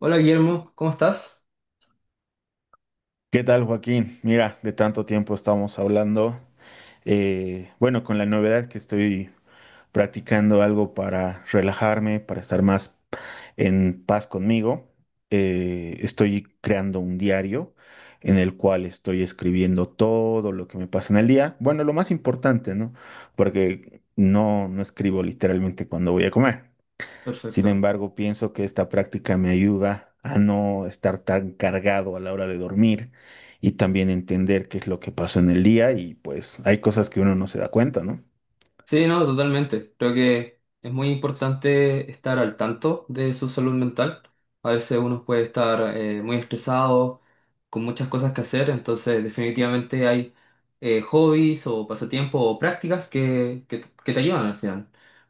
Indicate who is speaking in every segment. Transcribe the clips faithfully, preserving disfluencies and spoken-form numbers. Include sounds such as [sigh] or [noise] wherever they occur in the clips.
Speaker 1: Hola Guillermo, ¿cómo estás?
Speaker 2: ¿Qué tal, Joaquín? Mira, de tanto tiempo estamos hablando. Eh, bueno, con la novedad que estoy practicando algo para relajarme, para estar más en paz conmigo. Eh, estoy creando un diario en el cual estoy escribiendo todo lo que me pasa en el día. Bueno, lo más importante, ¿no? Porque no, no escribo literalmente cuando voy a comer. Sin
Speaker 1: Perfecto.
Speaker 2: embargo, pienso que esta práctica me ayuda a no estar tan cargado a la hora de dormir y también entender qué es lo que pasó en el día, y pues hay cosas que uno no se da cuenta, ¿no?
Speaker 1: Sí, no, totalmente. Creo que es muy importante estar al tanto de su salud mental. A veces uno puede estar eh, muy estresado, con muchas cosas que hacer, entonces definitivamente hay eh, hobbies o pasatiempos o prácticas que, que, que te ayudan al final.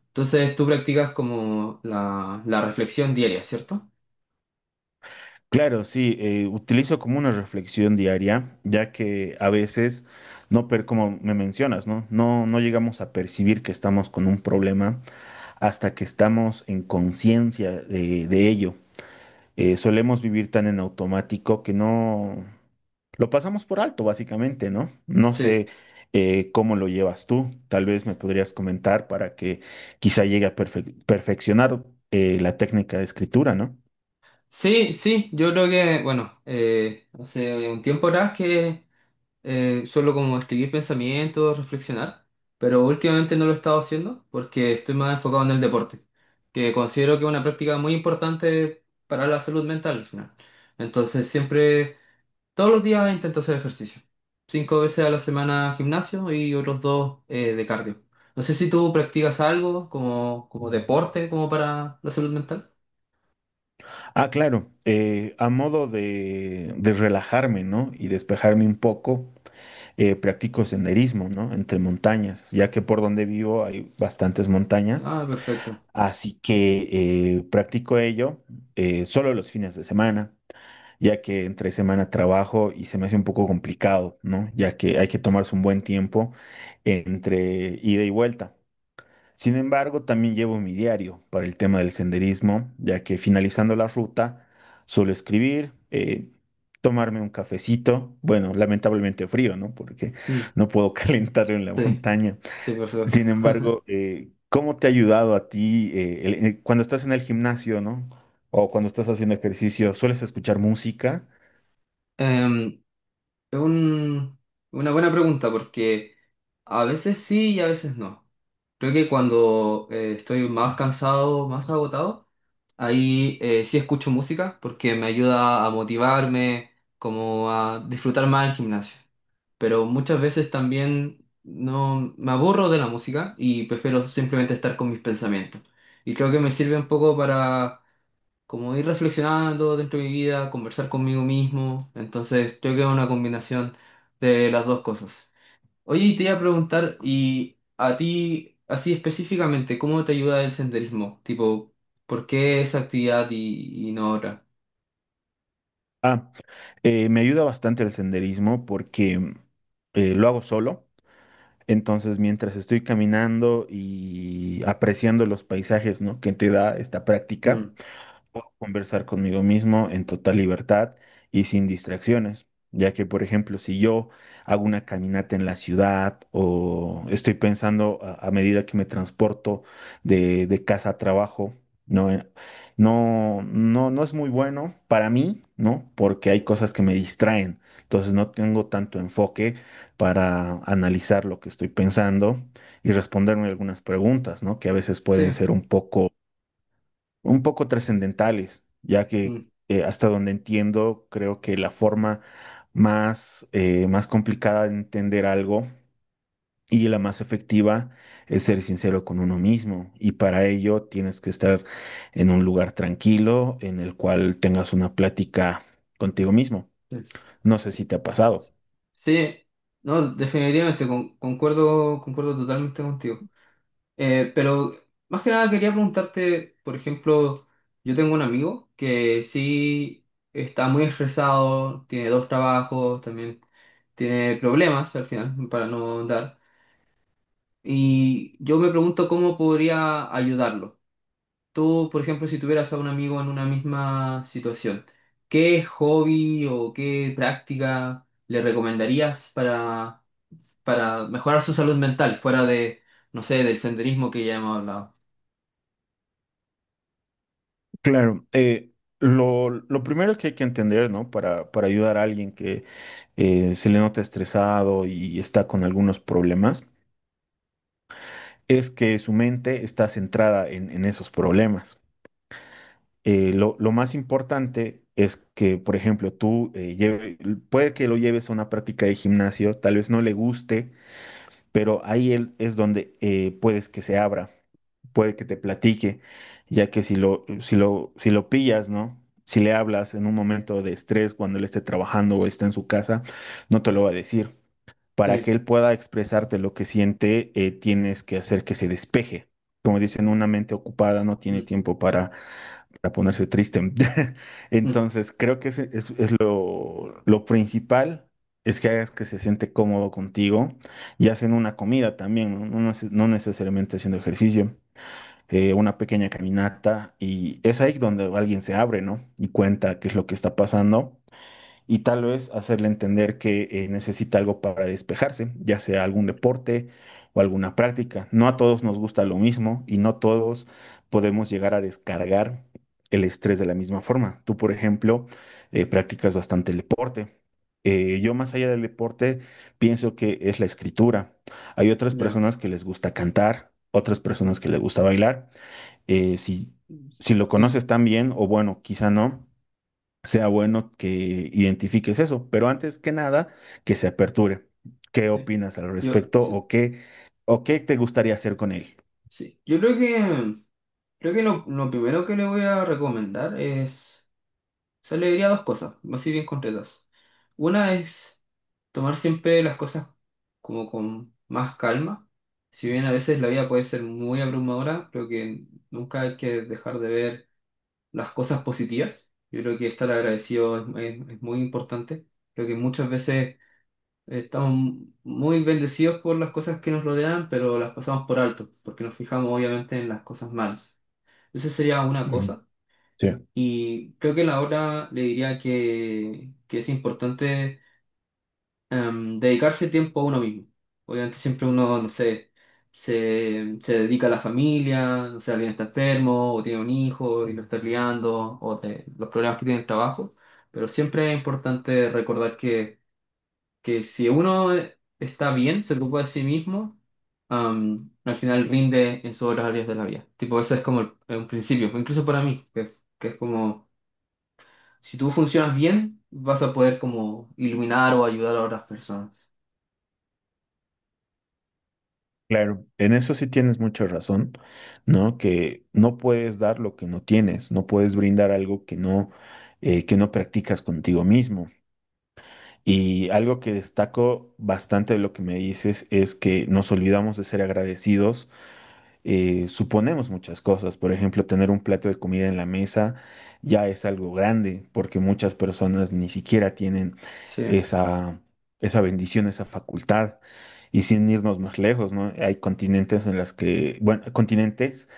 Speaker 1: Entonces tú practicas como la, la reflexión diaria, ¿cierto?
Speaker 2: Claro, sí, eh, utilizo como una reflexión diaria, ya que a veces no, per como me mencionas, ¿no? No, no llegamos a percibir que estamos con un problema hasta que estamos en conciencia de de ello. Eh, solemos vivir tan en automático que no lo pasamos por alto, básicamente, ¿no? No
Speaker 1: Sí,
Speaker 2: sé eh, cómo lo llevas tú, tal vez me podrías comentar para que quizá llegue a perfe- perfeccionar eh, la técnica de escritura, ¿no?
Speaker 1: sí, sí, yo creo que, bueno, eh, hace un tiempo atrás que eh, solo como escribir pensamientos, reflexionar, pero últimamente no lo he estado haciendo porque estoy más enfocado en el deporte, que considero que es una práctica muy importante para la salud mental al final. Entonces siempre, todos los días intento hacer ejercicio. Cinco veces a la semana gimnasio y otros dos eh, de cardio. No sé si tú practicas algo como, como deporte, como para la salud mental.
Speaker 2: Ah, claro, eh, a modo de, de relajarme, ¿no? Y despejarme un poco, eh, practico senderismo, ¿no? Entre montañas, ya que por donde vivo hay bastantes montañas,
Speaker 1: Ah, perfecto.
Speaker 2: así que eh, practico ello eh, solo los fines de semana, ya que entre semana trabajo y se me hace un poco complicado, ¿no? Ya que hay que tomarse un buen tiempo entre ida y vuelta. Sin embargo, también llevo mi diario para el tema del senderismo, ya que finalizando la ruta suelo escribir, eh, tomarme un cafecito, bueno, lamentablemente frío, ¿no? Porque
Speaker 1: Mm,
Speaker 2: no puedo [laughs] calentarlo en la
Speaker 1: sí,
Speaker 2: montaña.
Speaker 1: sí, perfecto.
Speaker 2: Sin
Speaker 1: [laughs]
Speaker 2: embargo, eh, ¿cómo te ha ayudado a ti eh, el- eh, cuando estás en el gimnasio, ¿no? O cuando estás haciendo ejercicio, ¿sueles escuchar música?
Speaker 1: Em, Es un- una buena pregunta porque a veces sí y a veces no. Creo que cuando eh, estoy más cansado, más agotado, ahí eh, sí escucho música porque me ayuda a motivarme, como a disfrutar más el gimnasio. Pero muchas veces también no me aburro de la música y prefiero simplemente estar con mis pensamientos. Y creo que me sirve un poco para como ir reflexionando dentro de mi vida, conversar conmigo mismo. Entonces, creo que es una combinación de las dos cosas. Oye, y te iba a preguntar, ¿y a ti, así específicamente, cómo te ayuda el senderismo? Tipo, ¿por qué esa actividad y, y no otra?
Speaker 2: Ah, eh, me ayuda bastante el senderismo porque eh, lo hago solo. Entonces, mientras estoy caminando y apreciando los paisajes, ¿no? Que te da esta práctica,
Speaker 1: Mm.
Speaker 2: puedo conversar conmigo mismo en total libertad y sin distracciones, ya que, por ejemplo, si yo hago una caminata en la ciudad o estoy pensando a, a medida que me transporto de, de casa a trabajo. no, Eh, no, no, no es muy bueno para mí, ¿no? Porque hay cosas que me distraen, entonces no tengo tanto enfoque para analizar lo que estoy pensando y responderme algunas preguntas, ¿no? Que a veces pueden
Speaker 1: Sí.
Speaker 2: ser un poco un poco trascendentales, ya que
Speaker 1: Mm,
Speaker 2: eh, hasta donde entiendo, creo que la forma más, eh, más complicada de entender algo, y la más efectiva, es ser sincero con uno mismo. Y para ello tienes que estar en un lugar tranquilo en el cual tengas una plática contigo mismo.
Speaker 1: sí.
Speaker 2: No sé si te ha pasado.
Speaker 1: Sí, no, definitivamente, con- concuerdo, concuerdo totalmente contigo. Eh, pero más que nada quería preguntarte, por ejemplo, yo tengo un amigo que sí está muy estresado, tiene dos trabajos, también tiene problemas al final para no andar. Y yo me pregunto cómo podría ayudarlo. Tú, por ejemplo, si tuvieras a un amigo en una misma situación, ¿qué hobby o qué práctica le recomendarías para, para mejorar su salud mental fuera de, no sé, del senderismo que ya hemos hablado?
Speaker 2: Claro, eh, lo, lo primero que hay que entender, ¿no? Para, para ayudar a alguien que eh, se le nota estresado y está con algunos problemas, es que su mente está centrada en, en esos problemas. Eh, lo, lo más importante es que, por ejemplo, tú eh, lleve- puede que lo lleves a una práctica de gimnasio, tal vez no le guste, pero ahí él es donde eh, puedes que se abra, puede que te platique, ya que si lo, si lo, si lo pillas, ¿no? Si le hablas en un momento de estrés cuando él esté trabajando o está en su casa, no te lo va a decir. Para que
Speaker 1: Sí.
Speaker 2: él pueda expresarte lo que siente, eh, tienes que hacer que se despeje. Como dicen, una mente ocupada no tiene
Speaker 1: Mm,
Speaker 2: tiempo para, para ponerse triste. [laughs]
Speaker 1: mm,
Speaker 2: Entonces, creo que ese es, es lo, lo principal es que hagas que se siente cómodo contigo y hacen una comida también. No, No neces- no necesariamente haciendo ejercicio, eh, una pequeña caminata, y es ahí donde alguien se abre, ¿no? Y cuenta qué es lo que está pasando, y tal vez hacerle entender que eh, necesita algo para despejarse, ya sea algún deporte o alguna práctica. No a todos nos gusta lo mismo y no todos podemos llegar a descargar el estrés de la misma forma. Tú, por ejemplo, eh, practicas bastante el deporte. Eh, yo más allá del deporte pienso que es la escritura. Hay otras
Speaker 1: ya.
Speaker 2: personas que les gusta cantar, otras personas que les gusta bailar. Eh, si, si lo
Speaker 1: Sí,
Speaker 2: conoces tan bien, o bueno, quizá no, sea bueno que identifiques eso, pero antes que nada, que se aperture. ¿Qué
Speaker 1: sí.
Speaker 2: opinas al
Speaker 1: Yo,
Speaker 2: respecto?
Speaker 1: sí,
Speaker 2: O qué, ¿o qué te gustaría hacer con él?
Speaker 1: sí. Yo creo que, creo que lo, lo primero que le voy a recomendar es, o sea, le diría dos cosas, así bien concretas. Una es tomar siempre las cosas como con más calma. Si bien a veces la vida puede ser muy abrumadora, creo que nunca hay que dejar de ver las cosas positivas. Yo creo que estar agradecido es, es- es muy importante. Creo que muchas veces estamos muy bendecidos por las cosas que nos rodean, pero las pasamos por alto, porque nos fijamos obviamente en las cosas malas. Esa sería una
Speaker 2: Ujú.
Speaker 1: cosa.
Speaker 2: Sí,
Speaker 1: Y creo que la otra le diría que, que es importante em, dedicarse tiempo a uno mismo. Obviamente siempre uno, no sé, se, se dedica a la familia, no sé, alguien está enfermo o tiene un hijo y lo está criando, o de los problemas que tiene el trabajo, pero siempre es importante recordar que que si uno está bien, se preocupa de sí mismo, am, al final rinde en sus otras áreas de la vida. Tipo, eso es como el- un principio, incluso para mí, que, es- que es como, si tú funcionas bien, vas a poder como iluminar o ayudar a otras personas.
Speaker 2: claro, en eso sí tienes mucha razón, ¿no? Que no puedes dar lo que no tienes, no puedes brindar algo que no, eh, que no practicas contigo mismo. Y algo que destaco bastante de lo que me dices es que nos olvidamos de ser agradecidos. Eh, suponemos muchas cosas. Por ejemplo, tener un plato de comida en la mesa ya es algo grande, porque muchas personas ni siquiera tienen
Speaker 1: Sí,
Speaker 2: esa, esa bendición, esa facultad. Y sin irnos más lejos, ¿no? Hay continentes en las que, bueno, continentes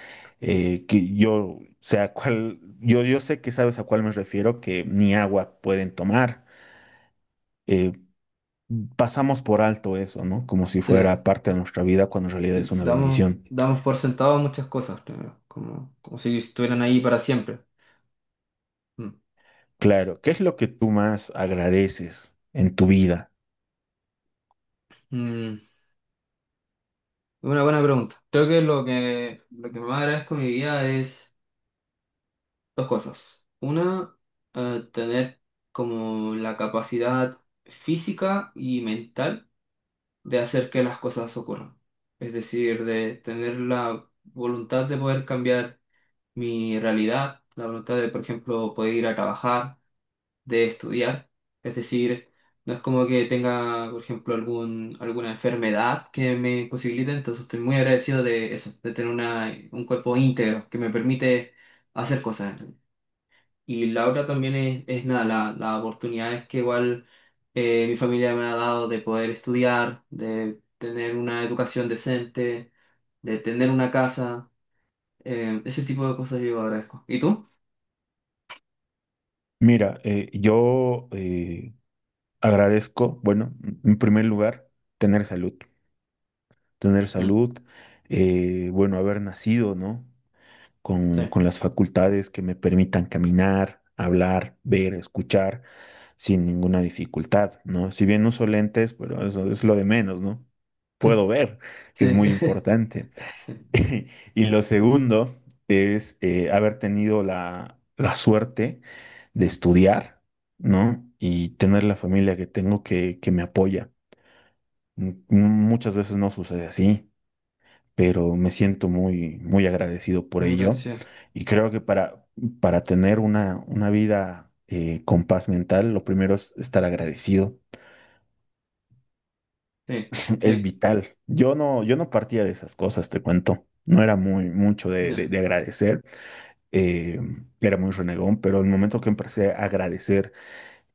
Speaker 2: eh, que yo sé a cuál, yo, yo sé que sabes a cuál me refiero, que ni agua pueden tomar. Eh, Pasamos por alto eso, ¿no? Como si
Speaker 1: sí,
Speaker 2: fuera parte de nuestra vida cuando en realidad
Speaker 1: sí.
Speaker 2: es una
Speaker 1: Damos,
Speaker 2: bendición.
Speaker 1: damos por sentado muchas cosas, creo, como, como si estuvieran ahí para siempre. Mm.
Speaker 2: Claro, ¿qué es lo que tú más agradeces en tu vida?
Speaker 1: Mm, una buena pregunta. Creo que lo que, lo que más agradezco en mi vida es... Dos cosas. Una, eh, tener como la capacidad física y mental de hacer que las cosas ocurran. Es decir, de tener la voluntad de poder cambiar mi realidad, la voluntad de, por ejemplo, poder ir a trabajar, de estudiar. Es decir, no es como que tenga, por ejemplo, algún, alguna enfermedad que me imposibilite, entonces estoy muy agradecido de eso, de tener una, un cuerpo íntegro que me permite hacer cosas. Y la otra también es, es nada, la, la oportunidad es que igual eh, mi familia me ha dado de poder estudiar, de tener una educación decente, de tener una casa, eh, ese tipo de cosas yo agradezco. ¿Y tú?
Speaker 2: Mira, eh, yo eh, agradezco, bueno, en primer lugar, tener salud, tener
Speaker 1: Mm,
Speaker 2: salud, eh, bueno, haber nacido, ¿no?
Speaker 1: sí,
Speaker 2: Con, con las facultades que me permitan caminar, hablar, ver, escuchar, sin ninguna dificultad, ¿no? Si bien uso lentes, pero eso es lo de menos, ¿no? Puedo ver,
Speaker 1: [laughs]
Speaker 2: que es muy
Speaker 1: sí,
Speaker 2: importante.
Speaker 1: [laughs] sí,
Speaker 2: [laughs] Y lo segundo es eh, haber tenido la, la suerte de estudiar, ¿no? Y tener la familia que tengo que, que me apoya. M- Muchas veces no sucede así, pero me siento muy, muy agradecido por
Speaker 1: muy
Speaker 2: ello.
Speaker 1: gracias.
Speaker 2: Y creo que para, para tener una, una vida eh, con paz mental, lo primero es estar agradecido.
Speaker 1: Sí,
Speaker 2: Es
Speaker 1: sí,
Speaker 2: vital. Yo no, yo no partía de esas cosas, te cuento. No era muy mucho de,
Speaker 1: no,
Speaker 2: de- de agradecer, eh, era muy renegón, pero el momento que empecé a agradecer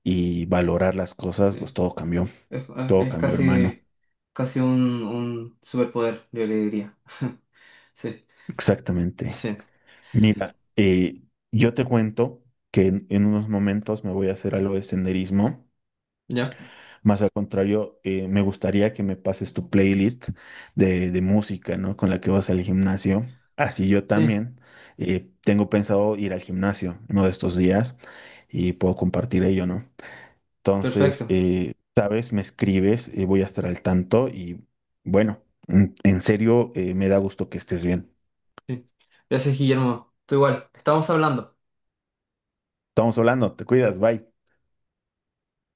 Speaker 2: y
Speaker 1: sí,
Speaker 2: valorar las cosas, pues
Speaker 1: sí.
Speaker 2: todo cambió,
Speaker 1: Es,
Speaker 2: todo
Speaker 1: es
Speaker 2: cambió, hermano.
Speaker 1: casi, casi un, un superpoder, yo le diría. [laughs] Sí,
Speaker 2: Exactamente.
Speaker 1: sí,
Speaker 2: Mira, eh, yo te cuento que en, en unos momentos me voy a hacer algo de senderismo.
Speaker 1: ya,
Speaker 2: Más al contrario, eh, me gustaría que me pases tu playlist de, de música, ¿no? Con la que vas al gimnasio. Así yo
Speaker 1: sí,
Speaker 2: también eh, tengo pensado ir al gimnasio uno de estos días y puedo compartir ello, ¿no? Entonces,
Speaker 1: perfecto.
Speaker 2: eh, sabes, me escribes, eh, voy a estar al tanto. Y bueno, en en serio, eh, me da gusto que estés bien.
Speaker 1: Sí. Gracias, Guillermo. Tú igual. Estamos hablando.
Speaker 2: Estamos hablando, te cuidas, bye.